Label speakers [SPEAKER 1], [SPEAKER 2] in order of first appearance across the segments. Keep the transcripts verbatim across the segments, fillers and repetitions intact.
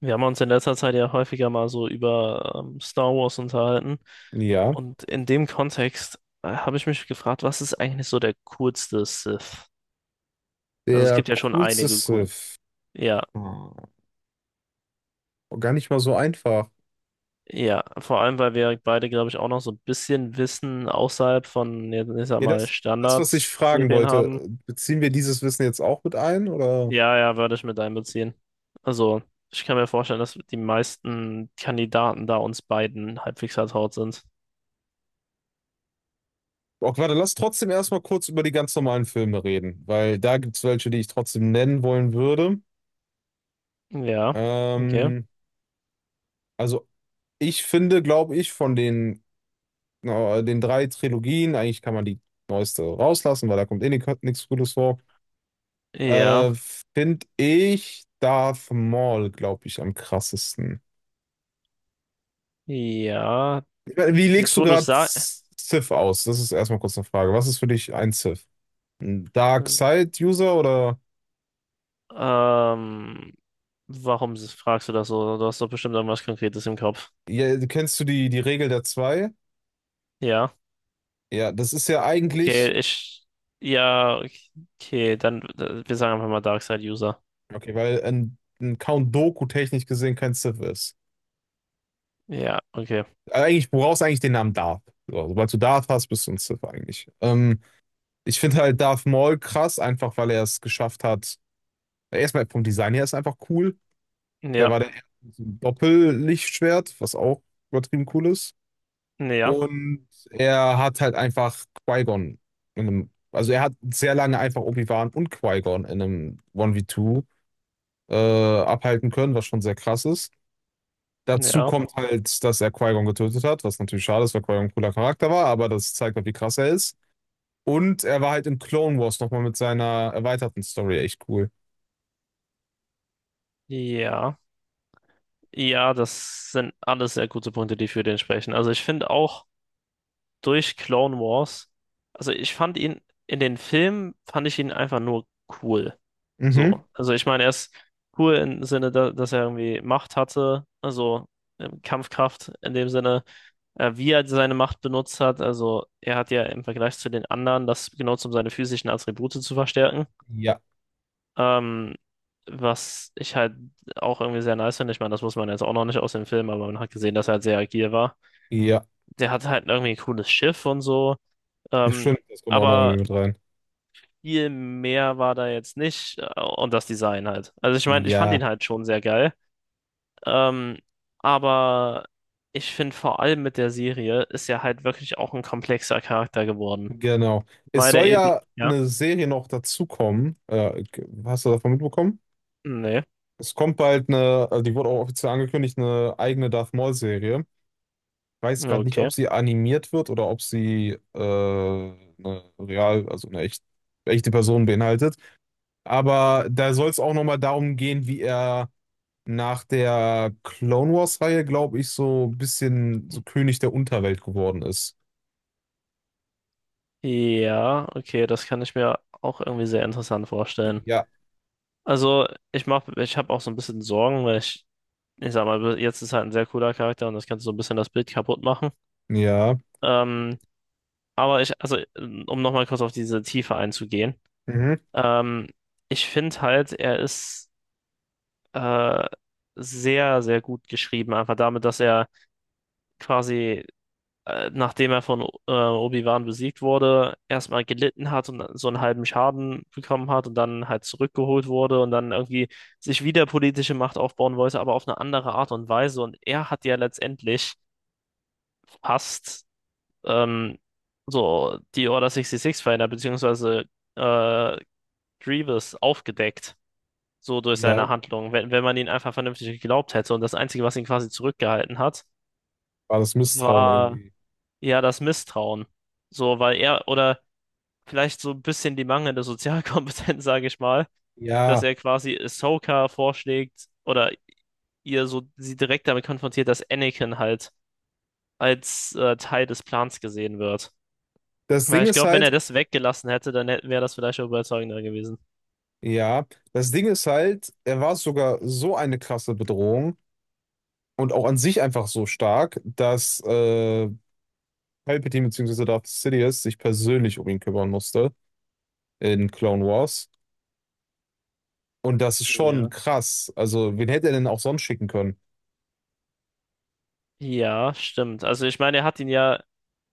[SPEAKER 1] Wir haben uns in letzter Zeit ja häufiger mal so über ähm, Star Wars unterhalten.
[SPEAKER 2] Ja,
[SPEAKER 1] Und in dem Kontext äh, habe ich mich gefragt, was ist eigentlich so der coolste Sith? Also es
[SPEAKER 2] der
[SPEAKER 1] gibt ja schon
[SPEAKER 2] coolste
[SPEAKER 1] einige coolen.
[SPEAKER 2] Sith.
[SPEAKER 1] Ja,
[SPEAKER 2] Ah, gar nicht mal so einfach.
[SPEAKER 1] ja. Vor allem, weil wir beide, glaube ich, auch noch so ein bisschen Wissen außerhalb von, jetzt ich sag
[SPEAKER 2] Ja,
[SPEAKER 1] mal,
[SPEAKER 2] das, das, was ich fragen
[SPEAKER 1] Standardserien
[SPEAKER 2] wollte,
[SPEAKER 1] haben.
[SPEAKER 2] beziehen wir dieses Wissen jetzt auch mit ein, oder?
[SPEAKER 1] Ja, ja, würde ich mit einbeziehen. Also, ich kann mir vorstellen, dass die meisten Kandidaten da uns beiden halbwegs vertraut sind.
[SPEAKER 2] Okay, warte, lass trotzdem erstmal kurz über die ganz normalen Filme reden, weil da gibt es welche, die ich trotzdem nennen wollen würde.
[SPEAKER 1] Ja, okay.
[SPEAKER 2] Ähm, also ich finde, glaube ich, von den, äh, den drei Trilogien, eigentlich kann man die neueste rauslassen, weil da kommt eh nichts Gutes vor,
[SPEAKER 1] Ja.
[SPEAKER 2] äh, finde ich Darth Maul, glaube ich, am krassesten.
[SPEAKER 1] Ja,
[SPEAKER 2] Wie legst
[SPEAKER 1] jetzt
[SPEAKER 2] du
[SPEAKER 1] wo du es
[SPEAKER 2] gerade
[SPEAKER 1] sagst,
[SPEAKER 2] Civ aus? Das ist erstmal kurz eine Frage. Was ist für dich ein Civ? Ein Dark Side User oder
[SPEAKER 1] ähm, warum s- fragst du das so? Du hast doch bestimmt irgendwas Konkretes im Kopf.
[SPEAKER 2] ja, kennst du die, die Regel der zwei?
[SPEAKER 1] Ja,
[SPEAKER 2] Ja, das ist ja
[SPEAKER 1] okay,
[SPEAKER 2] eigentlich,
[SPEAKER 1] ich, ja, okay, dann, äh, wir sagen einfach mal Darkside-User.
[SPEAKER 2] okay, weil ein, ein Count Doku technisch gesehen kein Civ ist.
[SPEAKER 1] Ja, okay,
[SPEAKER 2] Eigentlich, du brauchst eigentlich den Namen Darth. So, sobald du Darth hast, bist du ein Civ eigentlich. Ähm, ich finde halt Darth Maul krass, einfach weil er es geschafft hat. Erstmal vom Design her ist er einfach cool. Der
[SPEAKER 1] ja,
[SPEAKER 2] war der erste mit so einem Doppellichtschwert, was auch übertrieben cool ist.
[SPEAKER 1] ja,
[SPEAKER 2] Und er hat halt einfach Qui-Gon in einem, also er hat sehr lange einfach Obi-Wan und Qui-Gon in einem eins gegen zwei äh, abhalten können, was schon sehr krass ist. Dazu
[SPEAKER 1] ja,
[SPEAKER 2] kommt halt, dass er Qui-Gon getötet hat, was natürlich schade ist, weil Qui-Gon ein cooler Charakter war, aber das zeigt halt, wie krass er ist. Und er war halt in Clone Wars nochmal mit seiner erweiterten Story echt cool.
[SPEAKER 1] ja, ja, das sind alles sehr gute Punkte, die für den sprechen. Also ich finde auch, durch Clone Wars. Also ich fand ihn in den Filmen, fand ich ihn einfach nur cool.
[SPEAKER 2] Mhm.
[SPEAKER 1] So, also ich meine, er ist cool im Sinne, da, dass er irgendwie Macht hatte, also ähm, Kampfkraft in dem Sinne, äh, wie er seine Macht benutzt hat. Also er hat ja im Vergleich zu den anderen das genutzt, um seine physischen Attribute zu verstärken.
[SPEAKER 2] Ja,
[SPEAKER 1] Ähm, was ich halt auch irgendwie sehr nice finde. Ich meine, das muss man jetzt auch noch nicht aus dem Film, aber man hat gesehen, dass er halt sehr agil war.
[SPEAKER 2] ja,
[SPEAKER 1] Der hat halt irgendwie ein cooles Schiff und so. Ähm,
[SPEAKER 2] stimmt, das kommt auch noch irgendwie
[SPEAKER 1] aber
[SPEAKER 2] mit rein.
[SPEAKER 1] viel mehr war da jetzt nicht äh, und das Design halt. Also ich meine, ich fand
[SPEAKER 2] Ja.
[SPEAKER 1] ihn halt schon sehr geil. Ähm, aber ich finde vor allem mit der Serie ist er halt wirklich auch ein komplexer Charakter geworden.
[SPEAKER 2] Genau. Es
[SPEAKER 1] Weil er
[SPEAKER 2] soll
[SPEAKER 1] eben.
[SPEAKER 2] ja
[SPEAKER 1] Ja?
[SPEAKER 2] eine Serie noch dazukommen. Äh, hast du davon mitbekommen?
[SPEAKER 1] Nee.
[SPEAKER 2] Es kommt bald eine, also die wurde auch offiziell angekündigt, eine eigene Darth Maul-Serie. Weiß gerade nicht,
[SPEAKER 1] Okay.
[SPEAKER 2] ob sie animiert wird oder ob sie äh, eine real, also eine echt, echte Person beinhaltet. Aber da soll es auch nochmal darum gehen, wie er nach der Clone Wars-Reihe, glaube ich, so ein bisschen so König der Unterwelt geworden ist.
[SPEAKER 1] Ja, okay, das kann ich mir auch irgendwie sehr interessant vorstellen.
[SPEAKER 2] Ja.
[SPEAKER 1] Also, ich mach, ich habe auch so ein bisschen Sorgen, weil ich, ich sag mal, jetzt ist halt ein sehr cooler Charakter und das kannst du so ein bisschen das Bild kaputt machen.
[SPEAKER 2] Ja.
[SPEAKER 1] Ähm, Aber ich, also, äh, um nochmal kurz auf diese Tiefe einzugehen,
[SPEAKER 2] Mhm.
[SPEAKER 1] ähm, ich finde halt, er ist äh, sehr, sehr gut geschrieben, einfach damit, dass er quasi, äh, nachdem er von äh, Obi-Wan besiegt wurde, erstmal gelitten hat und so einen halben Schaden bekommen hat und dann halt zurückgeholt wurde und dann irgendwie sich wieder politische Macht aufbauen wollte, aber auf eine andere Art und Weise. Und er hat ja letztendlich fast ähm, so die Order sechsundsechzig-Feinde, beziehungsweise äh, Grievous aufgedeckt, so durch
[SPEAKER 2] Ja,
[SPEAKER 1] seine Handlung. Wenn, wenn man ihn einfach vernünftig geglaubt hätte. Und das Einzige, was ihn quasi zurückgehalten hat,
[SPEAKER 2] war das Misstrauen
[SPEAKER 1] war
[SPEAKER 2] irgendwie.
[SPEAKER 1] ja das Misstrauen. So, weil er, oder vielleicht so ein bisschen die mangelnde Sozialkompetenz, sage ich mal, dass
[SPEAKER 2] Ja,
[SPEAKER 1] er quasi Ahsoka vorschlägt oder ihr so sie direkt damit konfrontiert, dass Anakin halt als äh, Teil des Plans gesehen wird.
[SPEAKER 2] das
[SPEAKER 1] Ja,
[SPEAKER 2] Ding
[SPEAKER 1] ich
[SPEAKER 2] ist
[SPEAKER 1] glaube, wenn er
[SPEAKER 2] halt,
[SPEAKER 1] das weggelassen hätte, dann wäre das vielleicht auch überzeugender gewesen.
[SPEAKER 2] ja, das Ding ist halt, er war sogar so eine krasse Bedrohung und auch an sich einfach so stark, dass äh, Palpatine bzw. Darth Sidious sich persönlich um ihn kümmern musste in Clone Wars. Und das ist schon
[SPEAKER 1] Ja.
[SPEAKER 2] krass. Also, wen hätte er denn auch sonst schicken können?
[SPEAKER 1] Ja, stimmt. Also ich meine, er hat ihn ja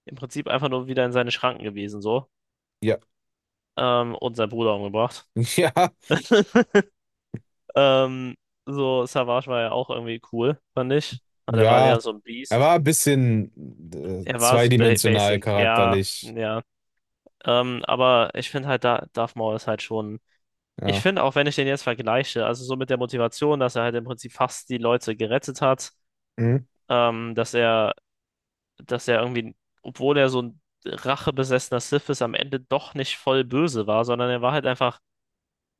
[SPEAKER 1] im Prinzip einfach nur wieder in seine Schranken gewiesen, so.
[SPEAKER 2] Ja,
[SPEAKER 1] Ähm, und seinen Bruder umgebracht.
[SPEAKER 2] ja,
[SPEAKER 1] Ähm, so, Savage war ja auch irgendwie cool, fand ich. Aber der war
[SPEAKER 2] ja.
[SPEAKER 1] eher so ein
[SPEAKER 2] Er
[SPEAKER 1] Beast.
[SPEAKER 2] war ein bisschen äh,
[SPEAKER 1] Er war so ba
[SPEAKER 2] zweidimensional
[SPEAKER 1] basic, ja,
[SPEAKER 2] charakterlich.
[SPEAKER 1] ja. Ähm, aber ich finde halt, da Darth Maul ist halt schon. Ich
[SPEAKER 2] Ja.
[SPEAKER 1] finde auch, wenn ich den jetzt vergleiche, also so mit der Motivation, dass er halt im Prinzip fast die Leute gerettet hat,
[SPEAKER 2] Hm?
[SPEAKER 1] ähm, dass er dass er irgendwie, obwohl er so ein rachebesessener Sith ist, am Ende doch nicht voll böse war, sondern er war halt einfach,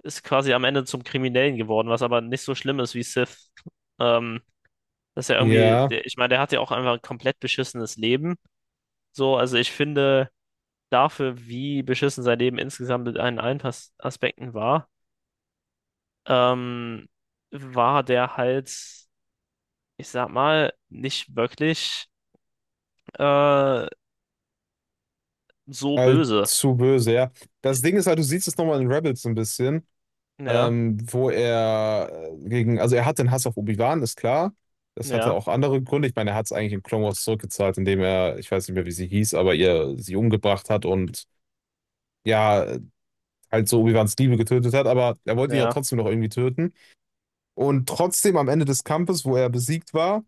[SPEAKER 1] ist quasi am Ende zum Kriminellen geworden, was aber nicht so schlimm ist wie Sith. Ähm, dass er irgendwie,
[SPEAKER 2] Ja,
[SPEAKER 1] der, ich meine, der hat ja auch einfach ein komplett beschissenes Leben. So, also ich finde, dafür, wie beschissen sein Leben insgesamt mit allen allen Pas- Aspekten war, ähm, war der halt, ich sag mal, nicht wirklich äh, so böse.
[SPEAKER 2] allzu böse, ja. Das Ding ist halt, du siehst es nochmal in Rebels ein bisschen.
[SPEAKER 1] Ja,
[SPEAKER 2] Ähm, wo er äh, gegen, also er hat den Hass auf Obi-Wan, ist klar. Das hatte
[SPEAKER 1] ja,
[SPEAKER 2] auch andere Gründe. Ich meine, er hat es eigentlich in Clone Wars zurückgezahlt, indem er, ich weiß nicht mehr, wie sie hieß, aber ihr sie umgebracht hat und ja, halt so Obi-Wans Liebe getötet hat, aber er wollte ihn ja
[SPEAKER 1] ja,
[SPEAKER 2] trotzdem noch irgendwie töten. Und trotzdem am Ende des Kampfes, wo er besiegt war,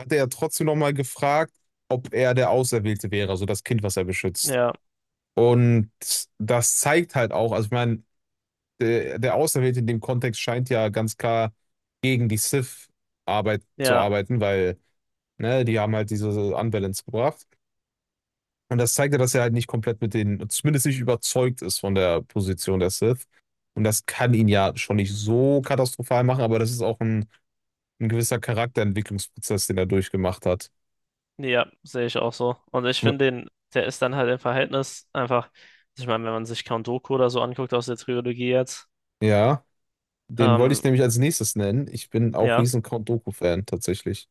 [SPEAKER 2] hat er ja trotzdem nochmal gefragt, ob er der Auserwählte wäre, also das Kind, was er beschützt.
[SPEAKER 1] ja.
[SPEAKER 2] Und das zeigt halt auch, also ich meine, der, der Auserwählte in dem Kontext scheint ja ganz klar gegen die Sith-Arbeit zu
[SPEAKER 1] Ja,
[SPEAKER 2] arbeiten, weil ne, die haben halt diese Unbalance gebracht. Und das zeigt ja, dass er halt nicht komplett mit den, zumindest nicht überzeugt ist von der Position der Sith. Und das kann ihn ja schon nicht so katastrophal machen, aber das ist auch ein, ein gewisser Charakterentwicklungsprozess, den er durchgemacht hat.
[SPEAKER 1] ja, sehe ich auch so. Und ich
[SPEAKER 2] W-
[SPEAKER 1] finde den, der ist dann halt im Verhältnis einfach, ich meine, wenn man sich Count Dooku oder so anguckt aus der Trilogie jetzt,
[SPEAKER 2] Ja, den wollte
[SPEAKER 1] ähm,
[SPEAKER 2] ich nämlich als nächstes nennen. Ich bin auch
[SPEAKER 1] ja,
[SPEAKER 2] riesen Count Dooku-Fan tatsächlich.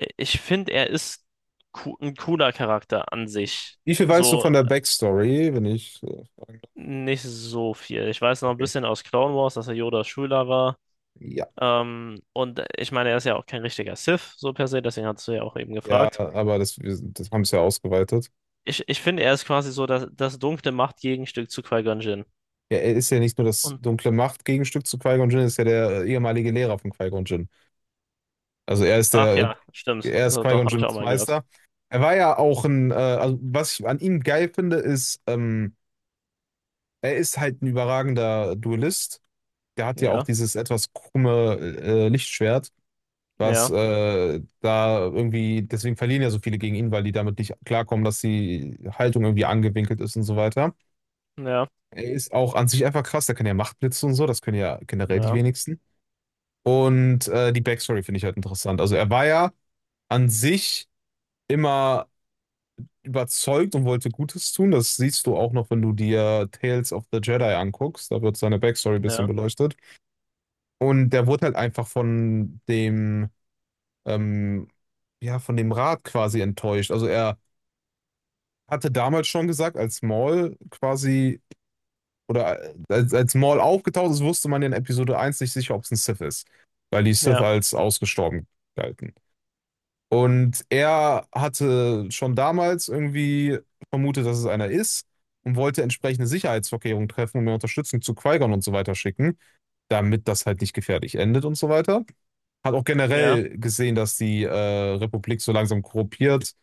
[SPEAKER 1] i- ich finde, er ist coo- ein cooler Charakter an sich.
[SPEAKER 2] Wie viel weißt du
[SPEAKER 1] So
[SPEAKER 2] von der Backstory, wenn ich äh, fragen darf?
[SPEAKER 1] nicht so viel. Ich weiß noch ein
[SPEAKER 2] Okay.
[SPEAKER 1] bisschen aus Clone Wars, dass er Yodas Schüler war.
[SPEAKER 2] Ja.
[SPEAKER 1] Ähm, und ich meine, er ist ja auch kein richtiger Sith, so per se, deswegen hast du ja auch eben
[SPEAKER 2] Ja,
[SPEAKER 1] gefragt.
[SPEAKER 2] aber das, wir, das haben es ja ausgeweitet.
[SPEAKER 1] Ich, ich finde, er ist quasi so das, das dunkle Machtgegenstück zu Qui-Gon Jinn.
[SPEAKER 2] Ja, er ist ja nicht nur das
[SPEAKER 1] Und
[SPEAKER 2] dunkle Macht-Gegenstück zu Qui-Gon Jinn, er ist ja der äh, ehemalige Lehrer von Qui-Gon Jinn. Also er ist
[SPEAKER 1] Ach
[SPEAKER 2] der, äh,
[SPEAKER 1] ja, stimmt.
[SPEAKER 2] er ist
[SPEAKER 1] So, doch,
[SPEAKER 2] Qui-Gon
[SPEAKER 1] habe ich auch
[SPEAKER 2] Jinns
[SPEAKER 1] mal gehört.
[SPEAKER 2] Meister. Er war ja auch ein, äh, also was ich an ihm geil finde, ist, ähm, er ist halt ein überragender Duellist. Der hat ja auch
[SPEAKER 1] Ja,
[SPEAKER 2] dieses etwas krumme äh, Lichtschwert, was
[SPEAKER 1] ja,
[SPEAKER 2] äh, da irgendwie, deswegen verlieren ja so viele gegen ihn, weil die damit nicht klarkommen, dass die Haltung irgendwie angewinkelt ist und so weiter.
[SPEAKER 1] ja,
[SPEAKER 2] Er ist auch an sich einfach krass. Der kann ja Machtblitze und so. Das können ja generell die
[SPEAKER 1] ja,
[SPEAKER 2] wenigsten. Und äh, die Backstory finde ich halt interessant. Also er war ja an sich immer überzeugt und wollte Gutes tun. Das siehst du auch noch, wenn du dir Tales of the Jedi anguckst. Da wird seine Backstory ein bisschen
[SPEAKER 1] ja,
[SPEAKER 2] beleuchtet. Und der wurde halt einfach von dem, ähm, ja, von dem Rat quasi enttäuscht. Also er hatte damals schon gesagt, als Maul quasi oder äh, als, als Maul aufgetaucht ist, wusste man in Episode eins nicht sicher, ob es ein Sith ist, weil die Sith
[SPEAKER 1] ja,
[SPEAKER 2] als ausgestorben galten. Und er hatte schon damals irgendwie vermutet, dass es einer ist und wollte entsprechende Sicherheitsvorkehrungen treffen und mehr Unterstützung zu Qui-Gon und so weiter schicken, damit das halt nicht gefährlich endet und so weiter. Hat auch
[SPEAKER 1] ja,
[SPEAKER 2] generell gesehen, dass die äh, Republik so langsam korrumpiert.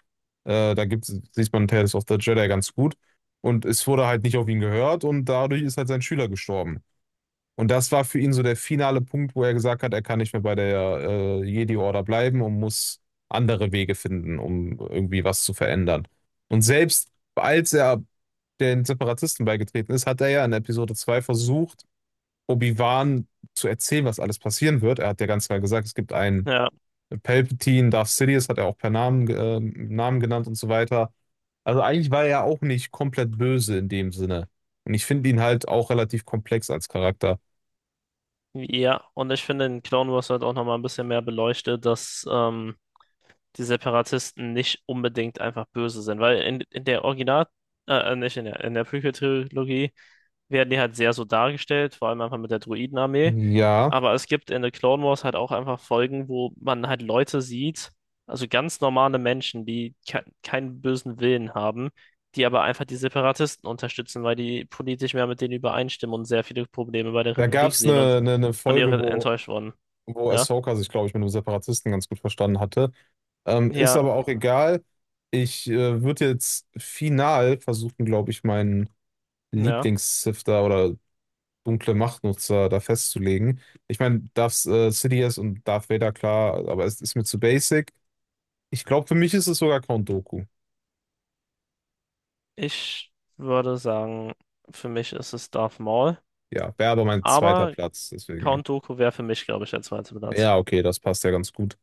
[SPEAKER 2] Äh, da gibt's, sieht man Tales of the Jedi ganz gut. Und es wurde halt nicht auf ihn gehört und dadurch ist halt sein Schüler gestorben. Und das war für ihn so der finale Punkt, wo er gesagt hat, er kann nicht mehr bei der äh, Jedi-Order bleiben und muss andere Wege finden, um irgendwie was zu verändern. Und selbst als er den Separatisten beigetreten ist, hat er ja in Episode zwei versucht, Obi-Wan zu erzählen, was alles passieren wird. Er hat ja ganz klar gesagt, es gibt einen
[SPEAKER 1] ja.
[SPEAKER 2] Palpatine, Darth Sidious hat er auch per Namen, äh, Namen genannt und so weiter. Also eigentlich war er ja auch nicht komplett böse in dem Sinne. Und ich finde ihn halt auch relativ komplex als Charakter.
[SPEAKER 1] Ja, und ich finde, in Clone Wars wird auch nochmal ein bisschen mehr beleuchtet, dass ähm, die Separatisten nicht unbedingt einfach böse sind. Weil in, in der Original, äh, äh, nicht in der, in der Prequel-Trilogie werden die halt sehr so dargestellt, vor allem einfach mit der Druidenarmee.
[SPEAKER 2] Ja.
[SPEAKER 1] Aber es gibt in The Clone Wars halt auch einfach Folgen, wo man halt Leute sieht, also ganz normale Menschen, die ke keinen bösen Willen haben, die aber einfach die Separatisten unterstützen, weil die politisch mehr mit denen übereinstimmen und sehr viele Probleme bei der
[SPEAKER 2] Da gab
[SPEAKER 1] Republik
[SPEAKER 2] es
[SPEAKER 1] sehen
[SPEAKER 2] eine,
[SPEAKER 1] und
[SPEAKER 2] eine, eine
[SPEAKER 1] von ihr
[SPEAKER 2] Folge, wo,
[SPEAKER 1] enttäuscht wurden.
[SPEAKER 2] wo
[SPEAKER 1] Ja,
[SPEAKER 2] Ahsoka sich, glaube ich, mit einem Separatisten ganz gut verstanden hatte. Ähm, ist
[SPEAKER 1] ja,
[SPEAKER 2] aber auch egal. Ich äh, würde jetzt final versuchen, glaube ich, meinen
[SPEAKER 1] ja.
[SPEAKER 2] Lieblings-Sifter oder dunkle Machtnutzer da festzulegen. Ich meine, Darth äh, Sidious und Darth Vader, klar, aber es ist mir zu basic. Ich glaube, für mich ist es sogar Count Dooku.
[SPEAKER 1] Ich würde sagen, für mich ist es Darth Maul,
[SPEAKER 2] Ja, wäre aber mein zweiter
[SPEAKER 1] aber
[SPEAKER 2] Platz, deswegen.
[SPEAKER 1] Count Dooku wäre für mich, glaube ich, der zweite Platz.
[SPEAKER 2] Ja, okay, das passt ja ganz gut.